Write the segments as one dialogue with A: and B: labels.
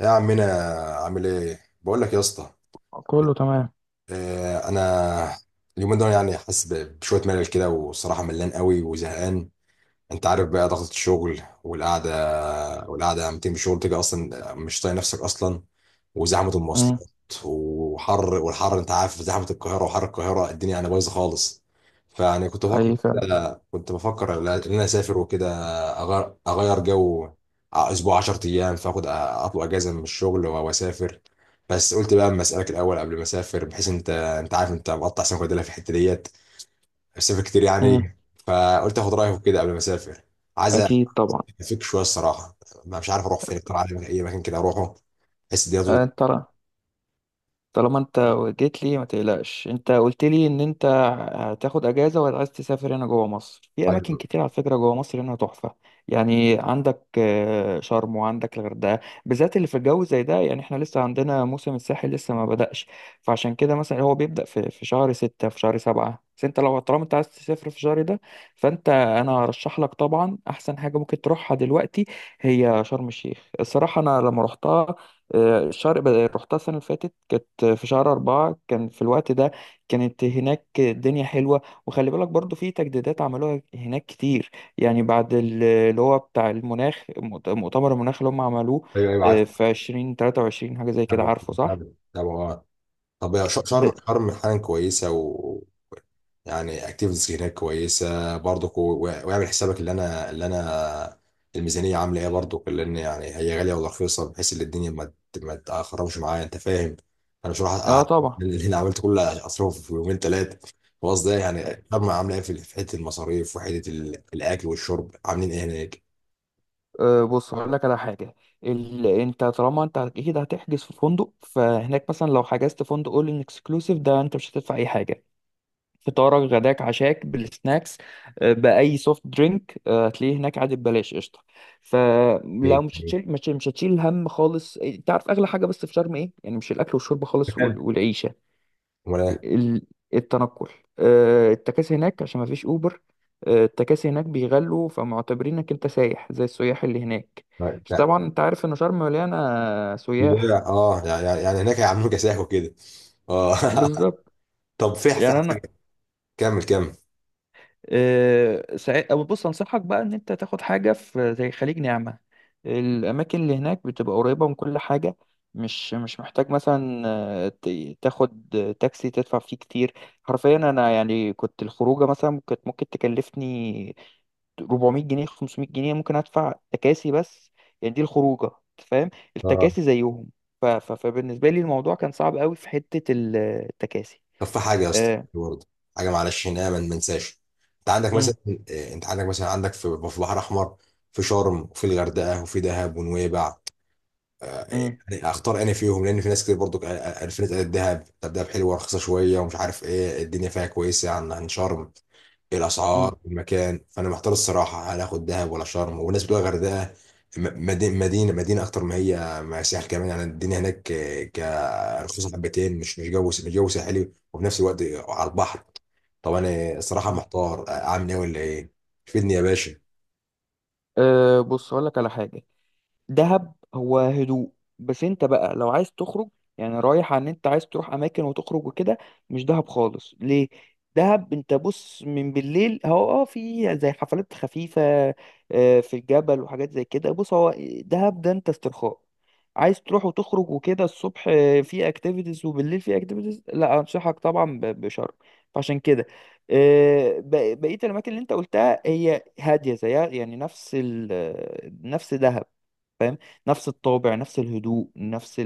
A: يا عمنا، عامل ايه؟ بقول لك يا اسطى.
B: كله تمام.
A: انا اليومين دول يعني حاسس بشويه ملل كده، والصراحه ملان قوي وزهقان. انت عارف بقى ضغط الشغل والقعده لما تيجي من الشغل تيجي اصلا مش طايق نفسك اصلا، وزحمه
B: امم.
A: المواصلات وحر. والحر انت عارف زحمه القاهره وحر القاهره، الدنيا يعني بايظه خالص. فيعني
B: حقيقي فعلا.
A: كنت بفكر ان انا اسافر وكده، اغير جو، اسبوع 10 ايام. فاخد اطلع اجازه من الشغل واسافر. بس قلت بقى اما اسالك الاول قبل ما اسافر، بحيث انت عارف، انت مقطع سمك وديلها في الحته ديت، بسافر كتير يعني
B: امم.
A: إيه؟ فقلت اخد رايك كده قبل ما اسافر. عايز
B: اكيد طبعا.
A: افك شويه الصراحه. ما مش عارف اروح فين اكتر، عارف اي مكان كده اروحه بحس دي تظبط.
B: انت طالما انت جيت لي ما تقلقش، انت قلت لي ان انت هتاخد اجازه وعايز تسافر. هنا جوه مصر في اماكن
A: ايوه
B: كتير، على فكره جوه مصر هنا تحفه. يعني عندك شرم وعندك الغردقه، بالذات اللي في الجو زي ده. يعني احنا لسه عندنا موسم الساحل لسه ما بدأش، فعشان كده مثلا هو بيبدأ في شهر ستة في شهر سبعة. بس انت لو طالما انت عايز تسافر في الشهر ده، فانت انا هرشح لك طبعا احسن حاجه ممكن تروحها دلوقتي هي شرم الشيخ. الصراحه انا لما رحتها رحتها السنة اللي فاتت، كانت في شهر أربعة، كان في الوقت ده كانت هناك الدنيا حلوة. وخلي بالك برضو في تجديدات عملوها هناك كتير، يعني بعد اللي هو بتاع المناخ، مؤتمر المناخ اللي هم عملوه
A: ايوه ايوه، عارف.
B: في عشرين تلاتة وعشرين حاجة زي كده.
A: تابع
B: عارفه صح؟
A: تابع تابع آه. طب يا ش- شرم
B: ده
A: شرم حالا كويسه يعني؟ اكتيفيتيز هناك كويسه برضك؟ واعمل حسابك. اللي انا الميزانيه عامله ايه برضك؟ لان يعني هي غاليه ولا رخيصه؟ بحيث ان الدنيا ما تخربش معايا، انت فاهم. انا مش راح
B: اه طبعا.
A: اللي انا عملت كل اصرفه في يومين ثلاثه خلاص. ده يعني الفرمة عامله ايه في حته المصاريف، وحته الاكل والشرب عاملين ايه هناك؟
B: بص هقول لك على حاجة. انت طالما انت اكيد هتحجز في فندق، فهناك مثلا لو حجزت فندق اول ان اكسكلوسيف ده انت مش هتدفع اي حاجة. فطارك غداك عشاك بالسناكس، بأي سوفت درينك هتلاقيه هناك عادي ببلاش قشطة. فلو
A: ايه
B: مش
A: يعني؟
B: هتشيل مش هتشيل هم خالص. إيه، تعرف أغلى حاجة بس في شرم إيه؟ يعني مش الأكل والشرب خالص
A: تخيل.
B: والعيشة،
A: امال ايه؟
B: ال- التنقل. التكاسي هناك، عشان مفيش أوبر. التكاسي هناك بيغلوا، فمعتبرينك أنت سايح زي السياح اللي هناك.
A: لا
B: بس
A: لا.
B: طبعا أنت عارف إن شرم مليانة سياح.
A: لا، اه يعني هناك هيعملوا كساح وكده. اه
B: بالظبط.
A: طب في
B: يعني أنا
A: حاجه، كمل كمل.
B: آه، ساع- أو بص أنصحك بقى إن أنت تاخد حاجة في زي خليج نعمة. الأماكن اللي هناك بتبقى قريبة من كل حاجة، مش محتاج مثلا تاخد تاكسي تدفع فيه كتير. حرفيا أنا يعني كنت الخروجة مثلا كانت ممكن تكلفني 400 جنيه 500 جنيه، ممكن أدفع تكاسي بس، يعني دي الخروجة أنت فاهم،
A: اه،
B: التكاسي زيهم. ف- ف- فبالنسبة لي الموضوع كان صعب قوي في حتة التكاسي
A: طب في حاجه يا اسطى
B: آه،
A: برضه، حاجه معلش هنا ما ننساش. انت عندك مثلا،
B: مم،
A: عندك في بحر احمر، في شرم وفي الغردقه وفي دهب ونويبع. آه،
B: مم،
A: يعني اختار انا فيهم، لان في ناس كتير برضو قالت لي، قالت دهب. طب دهب حلوه ورخيصه شويه، ومش عارف ايه، الدنيا فيها كويسه عن شرم، الاسعار، المكان. فانا محتار الصراحه، هل اخد دهب ولا شرم؟ والناس بتقول الغردقه مدينه اكتر، ما هي ساحل كمان، يعني الدنيا هناك كرخيصه حبتين، مش جو ساحلي، وفي نفس الوقت على البحر. طب انا الصراحه
B: مم،
A: محتار، اعمل ايه ولا ايه؟ فيدني يا باشا.
B: أه بص اقول لك على حاجه. دهب هو هدوء، بس انت بقى لو عايز تخرج، يعني رايح عن انت عايز تروح اماكن وتخرج وكده، مش دهب خالص. ليه؟ دهب انت بص، من بالليل هو اه في زي حفلات خفيفة في الجبل وحاجات زي كده. بص هو دهب ده انت استرخاء، عايز تروح وتخرج وكده الصبح في اكتيفيتيز وبالليل في اكتيفيتيز، لا انصحك طبعا بشرم. فعشان كده بقية الاماكن اللي انت قلتها هي هادية زيها، يعني نفس دهب، نفس الطابع نفس الهدوء نفس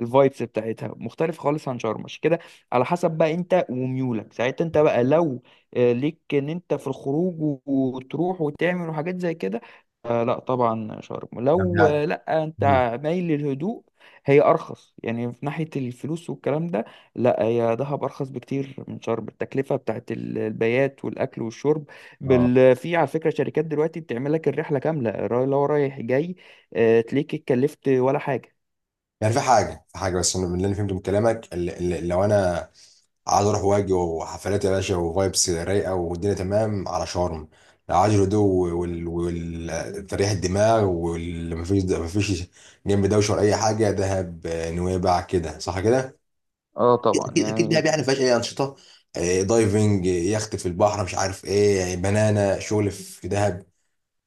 B: الفايبس بتاعتها مختلف خالص عن شرم، عشان كده على حسب بقى انت وميولك ساعتها. انت بقى لو ليك ان انت في الخروج وتروح وتعمل وحاجات زي كده لا طبعا شرم، لو لا انت
A: مم.
B: مايل للهدوء. هي ارخص يعني في ناحية الفلوس والكلام ده، لا هي دهب ارخص بكتير من شرم. التكلفة بتاعت البيات والاكل والشرب
A: اه
B: في على فكرة شركات دلوقتي بتعمل لك الرحلة كاملة، اللي هو رايح جاي تليك، اتكلفت ولا حاجة.
A: يعني، في حاجه بس، انا من اللي انا فهمته من كلامك، اللي لو انا عايز اروح واجي وحفلات يا باشا وفايبس رايقه والدنيا تمام، على شرم. لو عايز الهدوء وتريح الدماغ، واللي مفيش جنب دوشه ولا اي حاجه، دهب، نويبع، كده صح كده؟
B: اه طبعا
A: اكيد اكيد دهب،
B: يعني.
A: يعني فيهاش اي انشطه، دايفنج، يخت في البحر، مش عارف ايه، بنانا، شغل في دهب.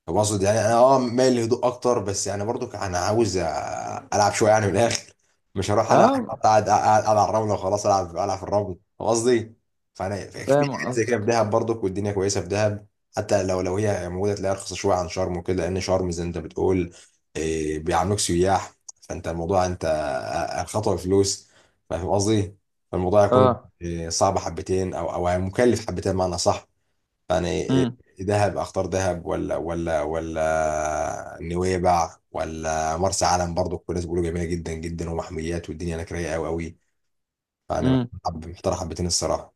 A: طب اقصد يعني انا مايل للهدوء اكتر، بس يعني برضو انا عاوز العب شويه يعني من الاخر. مش هروح انا
B: اه
A: قاعد قاعد على الرمله وخلاص، العب العب في الرمل، فاهم قصدي؟ فانا في
B: فاهم
A: حاجات زي كده في
B: قصدك.
A: دهب برضك، والدنيا كويسه في دهب. حتى لو هي موجوده، تلاقيها رخيصه شويه عن شرم وكده، لان شرم زي ما انت بتقول، بيعاملوك سياح. فانت الموضوع، انت الخطوه بفلوس، فاهم قصدي؟ فالموضوع يكون
B: اه.
A: صعب حبتين او مكلف حبتين، معنى صح يعني.
B: امم.
A: دهب، اختار دهب ولا نويبع ولا مرسى علم؟ برضو كل الناس بيقولوا جميله جدا جدا ومحميات، والدنيا هناك رايقه قوي قوي يعني.
B: امم.
A: حب محتار حبتين الصراحه.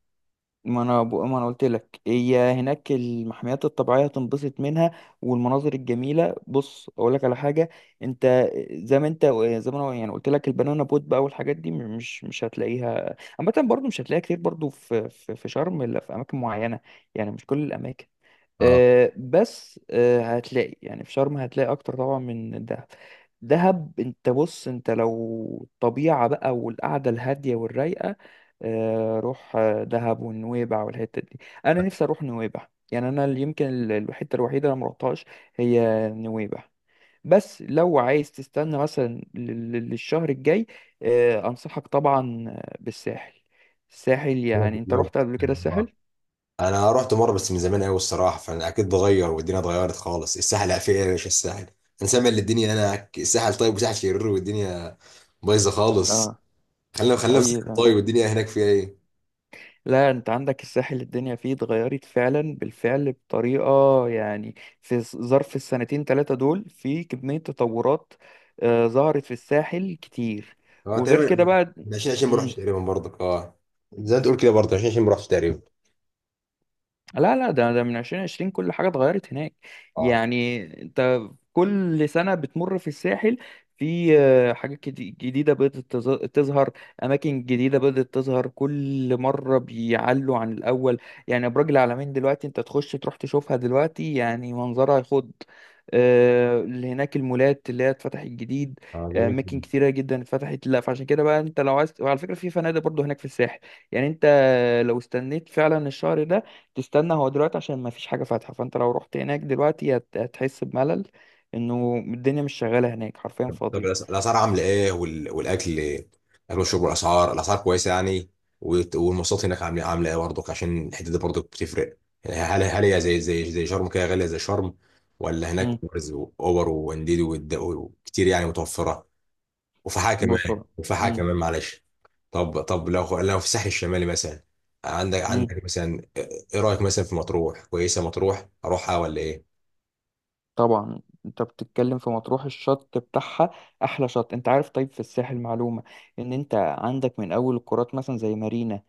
B: ما انا بقى، ما انا قلت لك هي هناك المحميات الطبيعيه هتنبسط منها والمناظر الجميله. بص اقول لك على حاجه. انت زي ما انت زي ما انا يعني قلت لك، البنانا بوت بقى والحاجات دي مش هتلاقيها عامه برضو، مش هتلاقيها كتير برضو في شرم الا في اماكن معينه، يعني مش كل الاماكن.
A: اه،
B: بس هتلاقي يعني في شرم هتلاقي اكتر طبعا من دهب. دهب انت بص، انت لو الطبيعة بقى والقعدة الهادية والرايقة روح، دهب ونويبع والحتة دي. انا نفسي اروح نويبع، يعني انا اللي يمكن الحتة الوحيدة اللي مروحتهاش هي نويبع. بس لو عايز تستنى مثلا للشهر الجاي انصحك طبعا بالساحل. الساحل، يعني انت
A: لو
B: رحت قبل كده الساحل؟
A: انا رحت مره بس من زمان قوي الصراحه، فانا اكيد اتغير والدنيا اتغيرت خالص. الساحل فيها ايه يا باشا؟ الساحل، انا سامع ان الدنيا هناك الساحل طيب، وساحل شرير والدنيا بايظه خالص.
B: اه
A: خلينا خلينا في الساحل
B: ايوه.
A: طيب، والدنيا هناك فيها ايه؟
B: لا انت عندك الساحل الدنيا فيه اتغيرت فعلا بالفعل بطريقة، يعني في ظرف السنتين ثلاثة دول في كمية تطورات ظهرت في الساحل كتير،
A: اه
B: وغير كده
A: تقريبا
B: بقى.
A: من 20 20 ما رحتش
B: مم.
A: تقريبا برضك. اه، زي ما تقول كده برضه 20 20 ما رحتش تقريبا.
B: لا لا، ده من 2020 كل حاجة اتغيرت هناك.
A: اه،
B: يعني انت كل سنة بتمر في الساحل في جديدة بدأت تظهر، أماكن جديدة بدأت تظهر، كل مرة بيعلوا عن الأول. يعني أبراج العلمين دلوقتي أنت تخش تروح تشوفها دلوقتي يعني منظرها يخض. اللي هناك المولات اللي هي اتفتحت جديد،
A: اه جميل
B: أماكن
A: جدا.
B: كتيرة جدا اتفتحت. لا فعشان كده بقى أنت لو عايز، وعلى فكرة في فنادق برضو هناك في الساحل. يعني أنت لو استنيت فعلا الشهر ده تستنى، هو دلوقتي عشان ما فيش حاجة فاتحة، فانت لو رحت هناك دلوقتي هتحس بملل، انه الدنيا مش شغالة هناك حرفيا
A: طب
B: فاضية.
A: الاسعار عامله ايه؟ والاكل، الاكل والشرب، والاسعار، الاسعار كويسه يعني؟ والمواصلات هناك عامله ايه برضك؟ عشان الحته دي برضك بتفرق يعني. هل هي زي شرم كده غاليه زي شرم؟ ولا هناك
B: امم.
A: اوبرز واوبر وانديد وكتير يعني متوفره؟ وفحاء
B: بص
A: كمان
B: هو.
A: وفحاء
B: امم.
A: كمان معلش. طب لو في الساحل الشمالي مثلا، عندك
B: امم.
A: عندك مثلا، ايه رايك مثلا في مطروح؟ كويسه مطروح اروحها ولا ايه؟
B: طبعا انت بتتكلم في مطروح، الشط بتاعها احلى شط انت عارف. طيب في الساحل معلومة، ان انت عندك من اول القارات مثلا زي مارينا،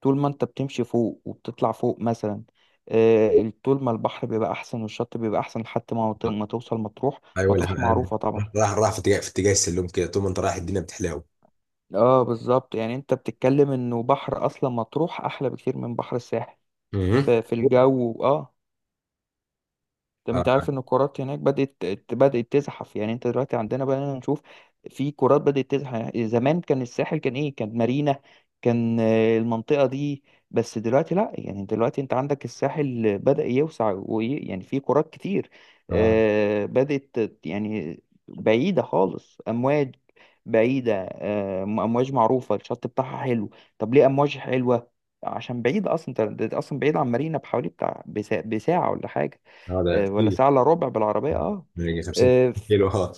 B: طول ما انت بتمشي فوق وبتطلع فوق مثلا طول ما البحر بيبقى احسن والشط بيبقى احسن لحد ما توصل مطروح.
A: ايوه، ولا
B: مطروح معروفة طبعا.
A: راح في اتجاه السلوم كده؟ طول ما انت رايح الدنيا بتحلاوي؟
B: اه بالظبط، يعني انت بتتكلم انه بحر اصلا مطروح احلى بكتير من بحر الساحل،
A: امم.
B: في, في الجو اه. طب
A: اه.
B: انت عارف ان الكرات هناك بدأت تزحف؟ يعني انت دلوقتي عندنا بقى نشوف في كرات بدأت تزحف، يعني زمان كان الساحل كان ايه؟ كان مارينا، كان المنطقة دي بس. دلوقتي لا، يعني دلوقتي انت عندك الساحل بدأ يوسع يعني في كرات كتير
A: اه،
B: بدأت يعني بعيدة خالص. امواج بعيدة، امواج معروفة الشط بتاعها حلو. طب ليه امواج حلوة؟ عشان بعيدة اصلا، أنت اصلا بعيد عن مارينا بحوالي بتاع بساعة ولا حاجة،
A: ده
B: ولا
A: كتير.
B: ساعة الا ربع بالعربية اه.
A: ده يجي 50
B: آه، ف-
A: كيلو، اه.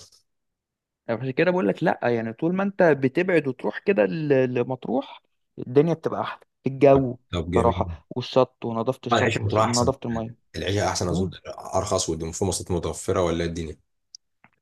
B: عشان كده بقول لك لا، يعني طول ما انت بتبعد وتروح كده لمطروح الدنيا بتبقى احلى، الجو
A: طب جميل.
B: صراحة والشط ونظافة
A: العيشه
B: الشط
A: في مطروح احسن،
B: ونظافة المية.
A: العيشه احسن اظن، ارخص وفي مواصلات متوفره ولا إيه الدنيا؟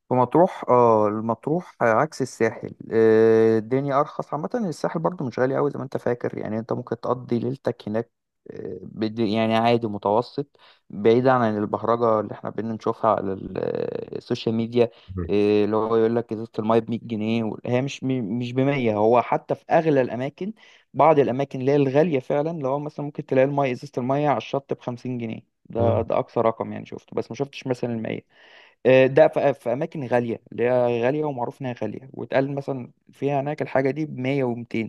B: في مطروح اه، المطروح عكس الساحل الدنيا ارخص عامه. الساحل برضو مش غالي قوي زي ما انت فاكر، يعني انت ممكن تقضي ليلتك هناك يعني عادي متوسط، بعيد عن البهرجه اللي احنا بنشوفها على السوشيال ميديا.
A: مم.
B: اللي هو يقول لك ازازه الميه ب 100 جنيه، هي مش مش ب 100. هو حتى في اغلى الاماكن، بعض الاماكن اللي هي الغاليه فعلا، اللي هو مثلا ممكن تلاقي الميه ازازه الميه على الشط ب 50 جنيه، ده
A: مم.
B: ده اقصى رقم يعني شفته. بس ما شفتش مثلا المية. ده في في اماكن غاليه، اللي هي غاليه ومعروف انها غاليه، واتقال مثلا فيها هناك الحاجه دي ب 100 و200.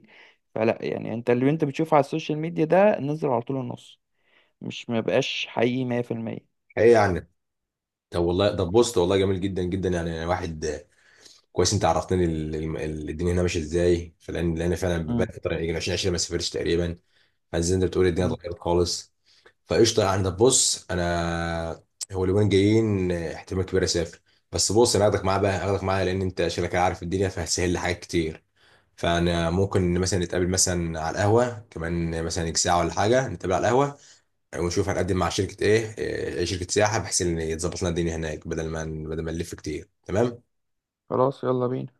B: فلا، يعني انت اللي انت بتشوفه على السوشيال ميديا ده نزل على طول النص، مش ما بقاش حقيقي 100%.
A: ايه يعني؟ طب والله ده بوست والله جميل جدا جدا يعني، أنا واحد كويس انت عرفتني الدنيا هنا ماشيه ازاي، فلان لان فعلا بقالي
B: امم.
A: فتره يجي 2020 ما سافرتش تقريبا. فزي انت بتقول الدنيا
B: امم.
A: اتغيرت خالص. فقشطه يعني. ده بص انا، هو اليومين جايين احتمال كبير اسافر. بس بص، انا هاخدك معايا بقى، هاخدك معايا لان انت شكلك عارف الدنيا، فهتسهل لي حاجات كتير. فانا ممكن مثلا نتقابل، مثلا على القهوه كمان مثلا ساعه ولا حاجه، نتقابل على القهوه ونشوف، هنقدم مع شركة ايه إيه، شركة سياحة، بحيث ان يتظبط لنا الدنيا هناك، بدل ما نلف كتير. تمام.
B: خلاص يلا بينا.